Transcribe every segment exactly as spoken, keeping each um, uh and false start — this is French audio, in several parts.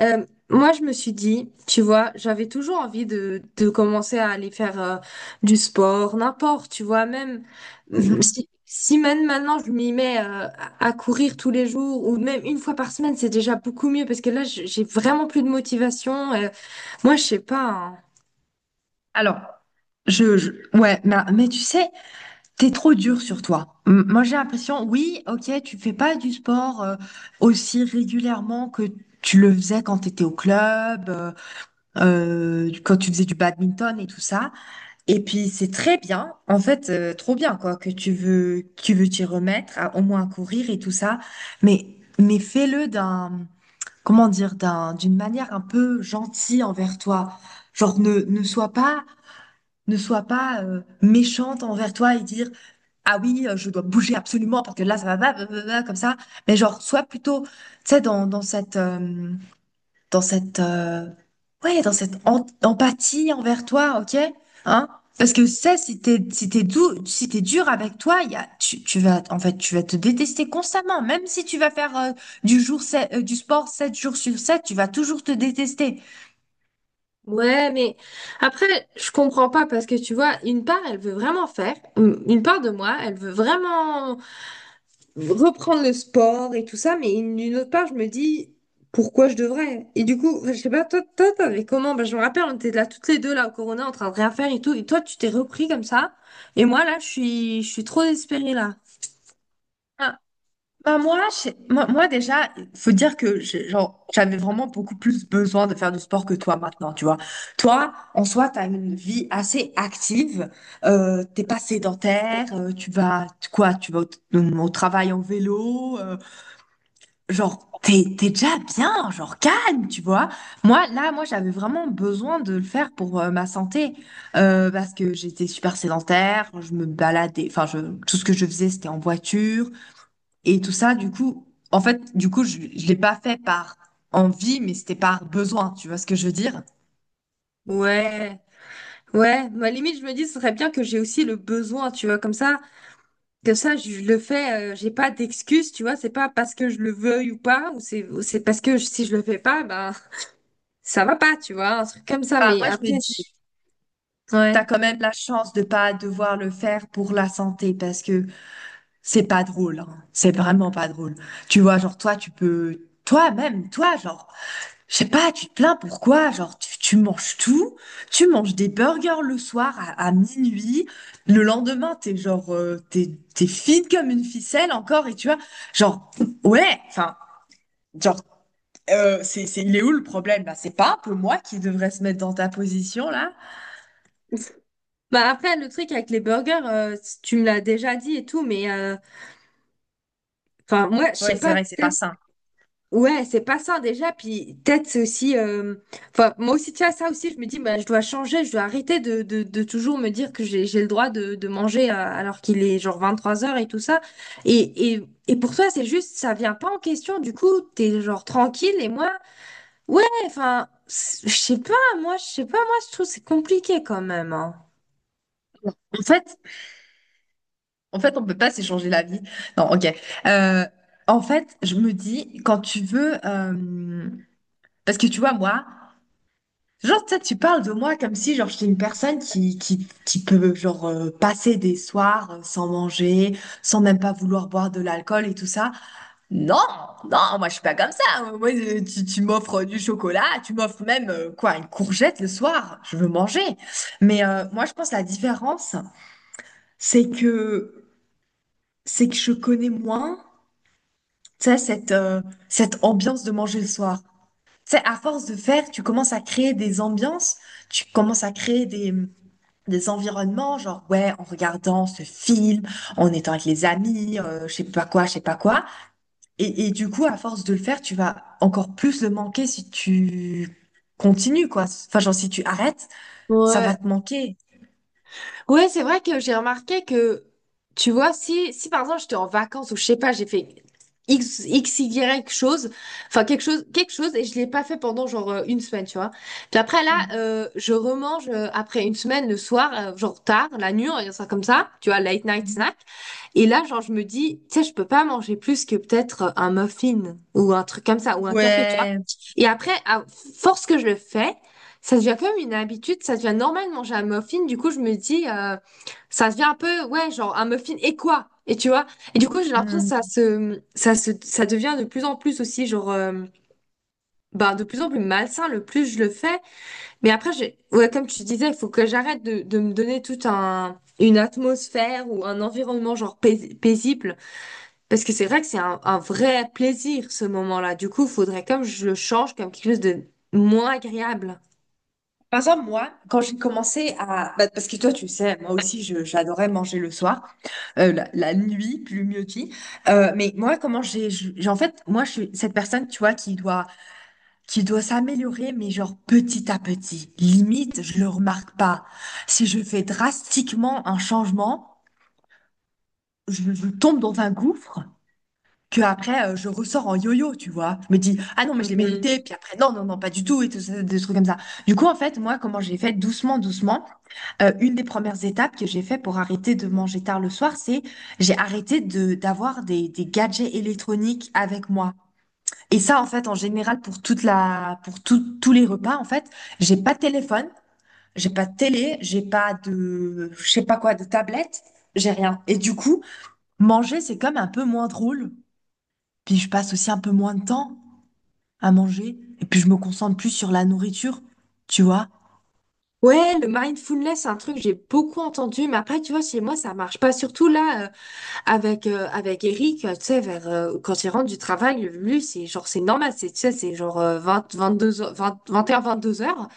Euh, Moi, je me suis dit, tu vois, j'avais toujours envie de, de commencer à aller faire euh, du sport, n'importe, tu vois, même euh, Mhm. si, si même maintenant je m'y mets euh, à à courir tous les jours ou même une fois par semaine, c'est déjà beaucoup mieux parce que là, je- j'ai vraiment plus de motivation. Euh, moi, je sais pas, hein. Alors, je, je- ouais, mais, mais tu sais, t'es trop dur sur toi. M- Moi, j'ai l'impression, oui, ok, tu fais pas du sport euh, aussi régulièrement que tu le faisais quand t'étais au club, euh, euh, quand tu faisais du badminton et tout ça. Et puis, c'est très bien, en fait, euh, trop bien, quoi, que tu veux, tu veux t'y remettre, à- au moins à courir et tout ça. Mais, mais fais-le d'un, comment dire, d'un, d'une manière un peu gentille envers toi. Genre, ne, ne sois pas ne soit pas euh, méchante envers toi et dire ah oui euh, je dois bouger absolument parce que là ça va va- va- va- va comme ça, mais genre sois plutôt tu sais dans dans cette euh, dans cette euh, ouais dans cette en- empathie envers toi, ok, hein, parce que ça si t'es si t'es doux si t'es dur avec toi il y a tu, tu vas en fait tu vas te détester constamment, même si tu vas faire euh, du jour sept- euh, du sport sept jours sur sept, tu vas toujours te détester. Ouais, mais après, je comprends pas parce que tu vois, une part, elle veut vraiment faire, une une part de moi, elle veut vraiment reprendre le sport et tout ça, mais une- d'une autre part, je me dis pourquoi je devrais? Et du coup, je sais pas, toi, toi, t'avais comment? Ben je me rappelle, on était là toutes les deux là au Corona en train de rien faire et tout, et toi, tu t'es repris comme ça, et moi là, je suis, je suis trop désespérée là. Hein. Bah moi, je- moi, moi déjà, il faut dire que j'ai- genre, j'avais vraiment beaucoup plus besoin de faire du sport que toi maintenant, tu vois. Toi, en soi, tu as une vie assez active, euh, t'es pas sédentaire, euh, tu vas, tu- quoi, tu vas au, au travail en vélo, euh, genre, t'es, t'es déjà bien, genre, calme, tu vois. Moi, là, moi, j'avais vraiment besoin de le faire pour euh, ma santé, euh, parce que j'étais super sédentaire, je me baladais, enfin, je, tout ce que je faisais, c'était en voiture. Et tout ça, du coup, en fait, du coup, je, je l'ai pas fait par envie, mais c'était par besoin. Tu vois ce que je veux dire? Ouais, ouais, ma limite, je me dis, ce serait bien que j'ai aussi le besoin, tu vois, comme ça, que ça, je le fais, euh, j'ai pas d'excuse, tu vois, c'est pas parce que je le veuille ou pas, ou c'est, ou c'est parce que je- si je le fais pas, ben, ça va pas, tu vois, un truc comme ça, Bah, mais moi, je me après, dis, je- t'as ouais. quand même la chance de pas devoir le faire pour la santé parce que c'est pas drôle, hein. C'est vraiment pas drôle. Tu vois, genre, toi, tu peux, toi-même, toi, genre, je sais pas, tu te plains pourquoi? Genre, tu, tu manges tout, tu manges des burgers le soir à, à minuit, le lendemain, t'es genre, euh, t'es, t'es fine comme une ficelle encore, et tu vois, genre, ouais, enfin. Genre, euh, c'est, c'est, il est où le problème? Bah, c'est pas un peu moi qui devrais se mettre dans ta position là? Bah après, le truc avec les burgers, euh, si tu me l'as déjà dit et tout, mais euh, enfin, moi, je sais Ouais, c'est pas, vrai que c'est pas peut-être, sain. ouais, c'est pas ça déjà, puis peut-être c'est aussi, euh, enfin, moi aussi, tu vois, ça aussi, je me dis, bah, je dois changer, je dois arrêter de, de, de toujours me dire que j'ai, j'ai le droit de, de manger euh, alors qu'il est genre vingt-trois heures et tout ça. Et, et, et pour toi, c'est juste, ça vient pas en question, du coup, t'es genre tranquille, et moi, ouais, enfin, c- je sais pas, moi, je sais pas, moi, je trouve que c'est compliqué quand même, hein. En fait, en fait, on peut pas s'échanger la vie. Non, ok. Euh, en fait, je me dis, quand tu veux, euh, parce que tu vois, moi, genre, tu sais, tu parles de moi comme si, genre, j'étais une personne qui, qui, qui peut, genre, euh, passer des soirs euh, sans manger, sans même pas vouloir boire de l'alcool et tout ça. Non, non, moi je suis pas comme ça. Moi, euh, tu, tu m'offres euh, du chocolat, tu m'offres même euh, quoi, une courgette le soir. Je veux manger. Mais euh, moi, je pense que la différence, c'est que c'est que je connais moins, tu sais, cette euh, cette ambiance de manger le soir. Tu sais, à force de faire, tu commences à créer des ambiances, tu commences à créer des des environnements, genre ouais, en regardant ce film, en étant avec les amis, euh, je sais pas quoi, je sais pas quoi. Et, et du coup, à force de le faire, tu vas encore plus le manquer si tu continues, quoi. Enfin, genre, si tu arrêtes, ça va Ouais, te manquer. ouais, c'est vrai que j'ai remarqué que, tu vois, si, si par exemple j'étais en vacances ou je sais pas, j'ai fait X, X, Y chose, enfin quelque chose, quelque chose, et je l'ai pas fait pendant genre euh, une semaine, tu vois. Puis après là, Mhm. euh, je remange euh, après une semaine le soir, euh, genre tard, la nuit, on va dire ça comme ça, tu vois, late night Mhm. snack. Et là, genre, je me dis, tu sais, je peux pas manger plus que peut-être euh, un muffin ou un truc comme ça, ou un café, tu vois. Ouais. Et après, à force que je le fais, ça devient comme une habitude, ça devient normal de manger un muffin. Du coup, je me dis, euh, ça devient un peu, ouais, genre un muffin et quoi? Et tu vois? Et du coup, j'ai l'impression que ça Mhm. se, ça se, ça devient de plus en plus aussi, genre, euh, bah, de plus en plus malsain le plus je le fais. Mais après, j'ai, ouais, comme tu disais, il faut que j'arrête de, de me donner toute un, une atmosphère ou un environnement, genre, pais- paisible. Parce que c'est vrai que c'est un, un vrai plaisir, ce moment-là. Du coup, faudrait comme je le change, comme quelque chose de moins agréable. Par exemple, moi, quand j'ai commencé à... bah, parce que toi, tu sais, moi aussi, je, j'adorais manger le soir, euh, la, la nuit, plus mieux dit. Euh, mais moi, comment j'ai... je- j'ai- en fait, moi, je suis cette personne, tu vois, qui doit, qui doit s'améliorer, mais genre petit à petit. Limite, je le remarque pas. Si je fais drastiquement un changement... je, je tombe dans un gouffre que après euh, je ressors en yo-yo, tu vois. Je me dis ah non mais je l'ai mérité, puis après non non non pas du tout et tout ça, des trucs comme ça. Du coup en fait moi comment j'ai fait doucement doucement, euh, une des premières étapes que j'ai fait pour arrêter de manger tard le soir, c'est j'ai arrêté de d'avoir des des gadgets électroniques avec moi. Et ça en fait en général pour toute la pour tout- tous les repas en fait, j'ai pas de téléphone, j'ai pas de télé, j'ai pas de je sais pas quoi de tablette, j'ai rien. Et du coup manger, c'est comme un peu moins drôle. Puis je passe aussi un peu moins de temps à manger. Et puis je me concentre plus sur la nourriture, tu vois. Ouais, le mindfulness, c'est un truc que j'ai beaucoup entendu, mais après, tu vois, chez moi, ça marche pas. Surtout là, euh, avec euh, avec Eric, euh, tu sais, vers euh, quand il rentre du travail, lui, c'est genre c'est normal, c'est tu sais, c'est genre vingt vingt vingt-deux heures, vingt, vingt-deux heures.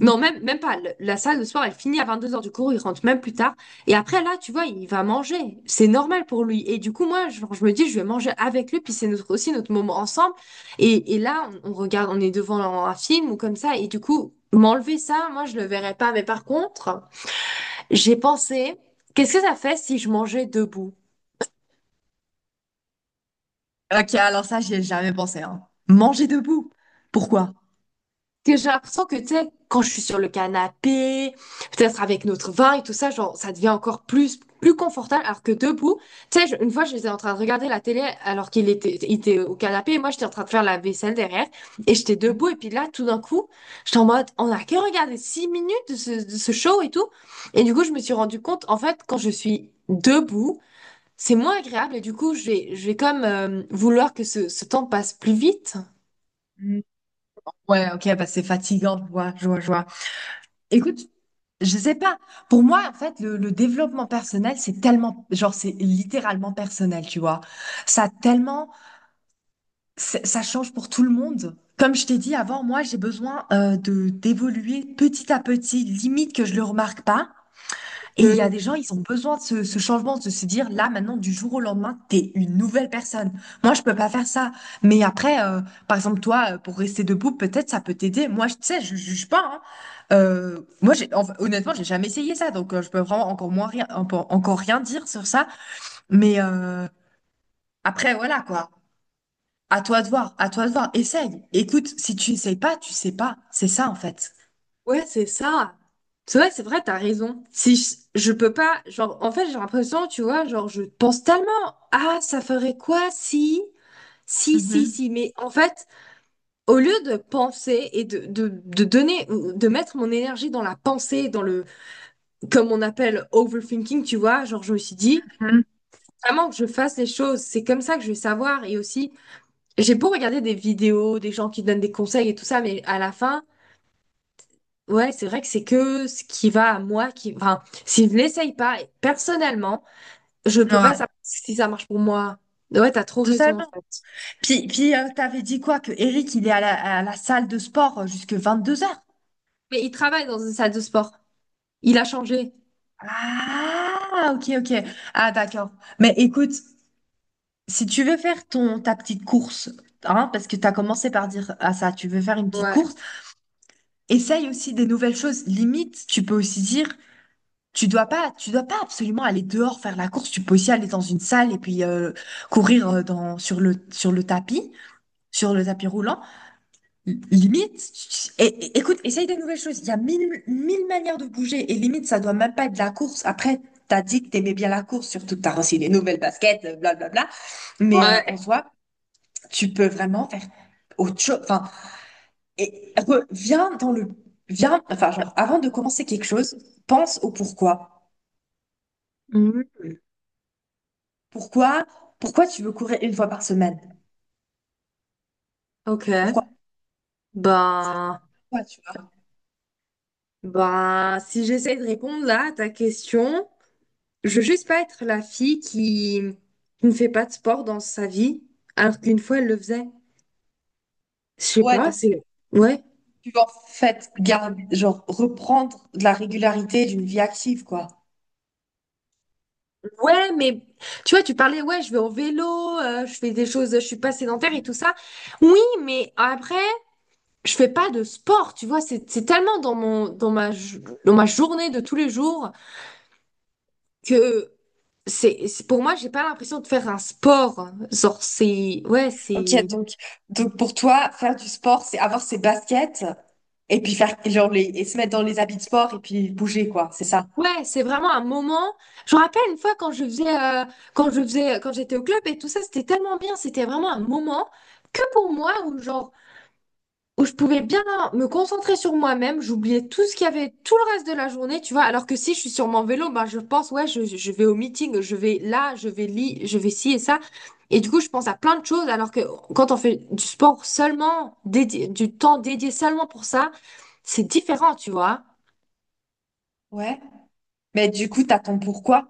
Non, même, même pas. Le- la salle de sport, elle finit à vingt-deux heures du cours, il rentre même plus tard. Et après, là, tu vois, il va manger. C'est normal pour lui. Et du coup, moi, genre, je me dis, je vais manger avec lui, puis c'est notre, aussi notre moment ensemble. Et, et là, on, on regarde, on est devant un film ou comme ça. Et du coup, m'enlever ça, moi, je le verrais pas. Mais par contre, j'ai pensé, qu'est-ce que ça fait si je mangeais debout? Ok, alors ça, j'y ai jamais pensé, hein. Manger debout. Pourquoi? Que j'ai l'impression que, tu sais, quand je suis sur le canapé, peut-être avec notre vin et tout ça, genre, ça devient encore plus, plus confortable, alors que debout, tu sais, je- une fois, j'étais en train de regarder la télé alors qu'il était, il était au canapé et moi, j'étais en train de faire la vaisselle derrière et j'étais debout et puis là, tout d'un coup, j'étais en mode, on a que regardé six minutes de ce, de ce show et tout. Et du coup, je me suis rendu compte, en fait, quand je suis debout, c'est moins agréable et du coup, je vais, je vais comme euh, vouloir que ce, ce temps passe plus vite. Mm. Ouais, ok, bah c'est fatigant, je vois, je vois, je vois. Écoute, je sais pas. Pour moi, en fait, le, le développement personnel, c'est tellement, genre, c'est littéralement personnel, tu vois. Ça a tellement, c'est- ça change pour tout le monde. Comme je t'ai dit avant, moi, j'ai besoin euh, de d'évoluer petit à petit, limite que je le remarque pas. Et il y a des gens, ils ont besoin de ce, ce changement, de se dire là, maintenant, du jour au lendemain, t'es une nouvelle personne. Moi, je peux pas faire ça. Mais après, euh, par exemple, toi, euh, pour rester debout, peut-être ça peut t'aider. Moi, je tu sais, je juge pas, hein. Euh, moi, j'ai, enfin, honnêtement, j'ai jamais essayé ça, donc euh, je peux vraiment encore moins rien, encore encore rien dire sur ça. Mais euh, après, voilà quoi. À toi de voir, à toi de voir. Essaye. Écoute, si tu essayes pas, tu sais pas. C'est ça en fait. Ouais, c'est ça. C'est vrai, c'est vrai, t'as raison. Si je, je peux pas, genre, en fait, j'ai l'impression, tu vois, genre, je pense tellement, ah, ça ferait quoi si, si, si, Mhm. si, mais en fait, au lieu de penser et de, de, de donner, de mettre mon énergie dans la pensée, dans le, comme on appelle overthinking, tu vois, genre, je me suis dit, Mhm. vraiment que je fasse les choses, c'est comme ça que je vais savoir. Et aussi, j'ai beau regarder des vidéos, des gens qui donnent des conseils et tout ça, mais à la fin, ouais, c'est vrai que c'est que ce qui va à moi qui. Enfin, si je l'essaye pas, personnellement, je peux pas Ouais, savoir si ça marche pour moi. Ouais, t'as trop raison en totalement. fait. Puis, puis euh, t'avais dit quoi? Que Eric, il est à la, à la salle de sport jusqu'à deux heures. Mais il travaille dans une salle de sport. Il a changé. Ah, ok, ok. Ah, d'accord. Mais écoute, si tu veux faire ton, ta petite course, hein, parce que t'as commencé par dire à ça, tu veux faire une petite Ouais. course, essaye aussi des nouvelles choses. Limite, tu peux aussi dire, tu dois pas, tu dois pas absolument aller dehors faire la course. Tu peux aussi aller dans une salle et puis euh, courir euh, dans, sur le, sur le tapis, sur le tapis roulant. Limite, et, écoute, essaye de nouvelles choses. Il y a mille, mille manières de bouger et limite, ça doit même pas être la course. Après, t'as dit que t'aimais bien la course, surtout que t'as reçu des nouvelles baskets, euh, blablabla. Mais euh, en Ouais. soi, tu peux vraiment faire autre chose. Enfin, et reviens dans le, viens, enfin, genre, avant de commencer quelque chose, pense au pourquoi. Mhm. Pourquoi, pourquoi tu veux courir une fois par semaine? Ok. Pourquoi? Ben. Ouais, tu vois. Ben, si j'essaie de répondre là à ta question, je veux juste pas être la fille qui, qui ne fait pas de sport dans sa vie, alors qu'une fois elle le faisait. Je sais Ouais, pas, donc c'est. Ouais. tu vas en fait garde, genre reprendre de la régularité d'une vie active, quoi. Ouais, mais tu vois, tu parlais, ouais, je vais en vélo, euh, je fais des choses, je suis pas sédentaire et tout ça. Oui, mais après, je fais pas de sport, tu vois, c'est c'est tellement dans mon dans ma jo- dans ma journée de tous les jours que c'est c'est- pour moi, j'ai pas l'impression de faire un sport. Genre c'est ouais, Ok, c'est donc, donc pour toi, faire du sport, c'est avoir ses baskets et puis faire genre les, et se mettre dans les habits de sport et puis bouger, quoi, c'est ça. ouais, c'est vraiment un moment. Je me rappelle une fois quand je faisais euh, quand je faisais quand j'étais au club et tout ça, c'était tellement bien, c'était vraiment un moment que pour moi où genre où je pouvais bien me concentrer sur moi-même, j'oubliais tout ce qu'il y avait, tout le reste de la journée, tu vois, alors que si je suis sur mon vélo, ben je pense, ouais, je, je vais au meeting, je vais là, je vais li, je vais ci et ça. Et du coup, je pense à plein de choses, alors que quand on fait du sport seulement, dédié, du temps dédié seulement pour ça, c'est différent, tu vois. Ouais. Mais du coup, t'as ton pourquoi.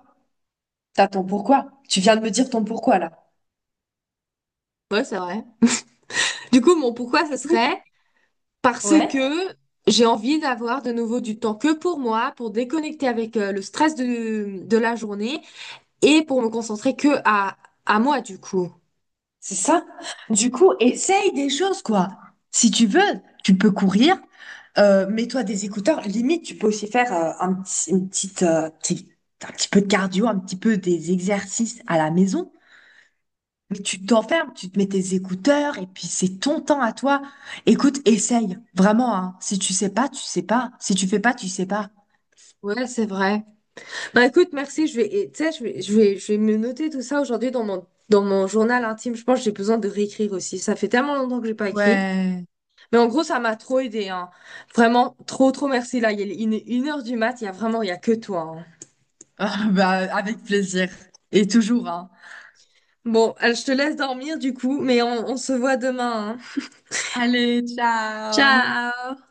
T'as ton pourquoi. Tu viens de me dire ton pourquoi, là. Ouais, c'est vrai. Du coup, mon pourquoi ce Du coup, serait parce que ouais, j'ai envie d'avoir de nouveau du temps que pour moi, pour déconnecter avec euh, le stress de, de la journée et pour me concentrer que à, à moi, du coup. c'est ça. Du coup, essaye des choses, quoi. Si tu veux, tu peux courir. Euh, mets-toi des écouteurs. Limite, tu peux aussi faire euh, un petit, une petite, euh, petit- un petit peu de cardio, un petit peu des exercices à la maison. Mais tu t'enfermes, tu te mets tes écouteurs et puis c'est ton temps à toi. Écoute, essaye. Vraiment, hein. Si tu sais pas, tu sais pas. Si tu fais pas, tu sais pas. Ouais, c'est vrai. Bah écoute, merci. Je vais, et, tu sais, je vais, je vais, je vais me noter tout ça aujourd'hui dans mon, dans mon journal intime. Je pense que j'ai besoin de réécrire aussi. Ça fait tellement longtemps que j'ai pas écrit. Ouais. Mais en gros, ça m'a trop aidé, hein. Vraiment, trop, trop merci. Là, il est une, une heure du mat. Il y a vraiment, il y a que toi, hein. Ah, bah, avec plaisir. Et toujours, hein. Bon, euh, je te laisse dormir du coup, mais on, on se voit demain, hein. Allez, ciao! Ciao!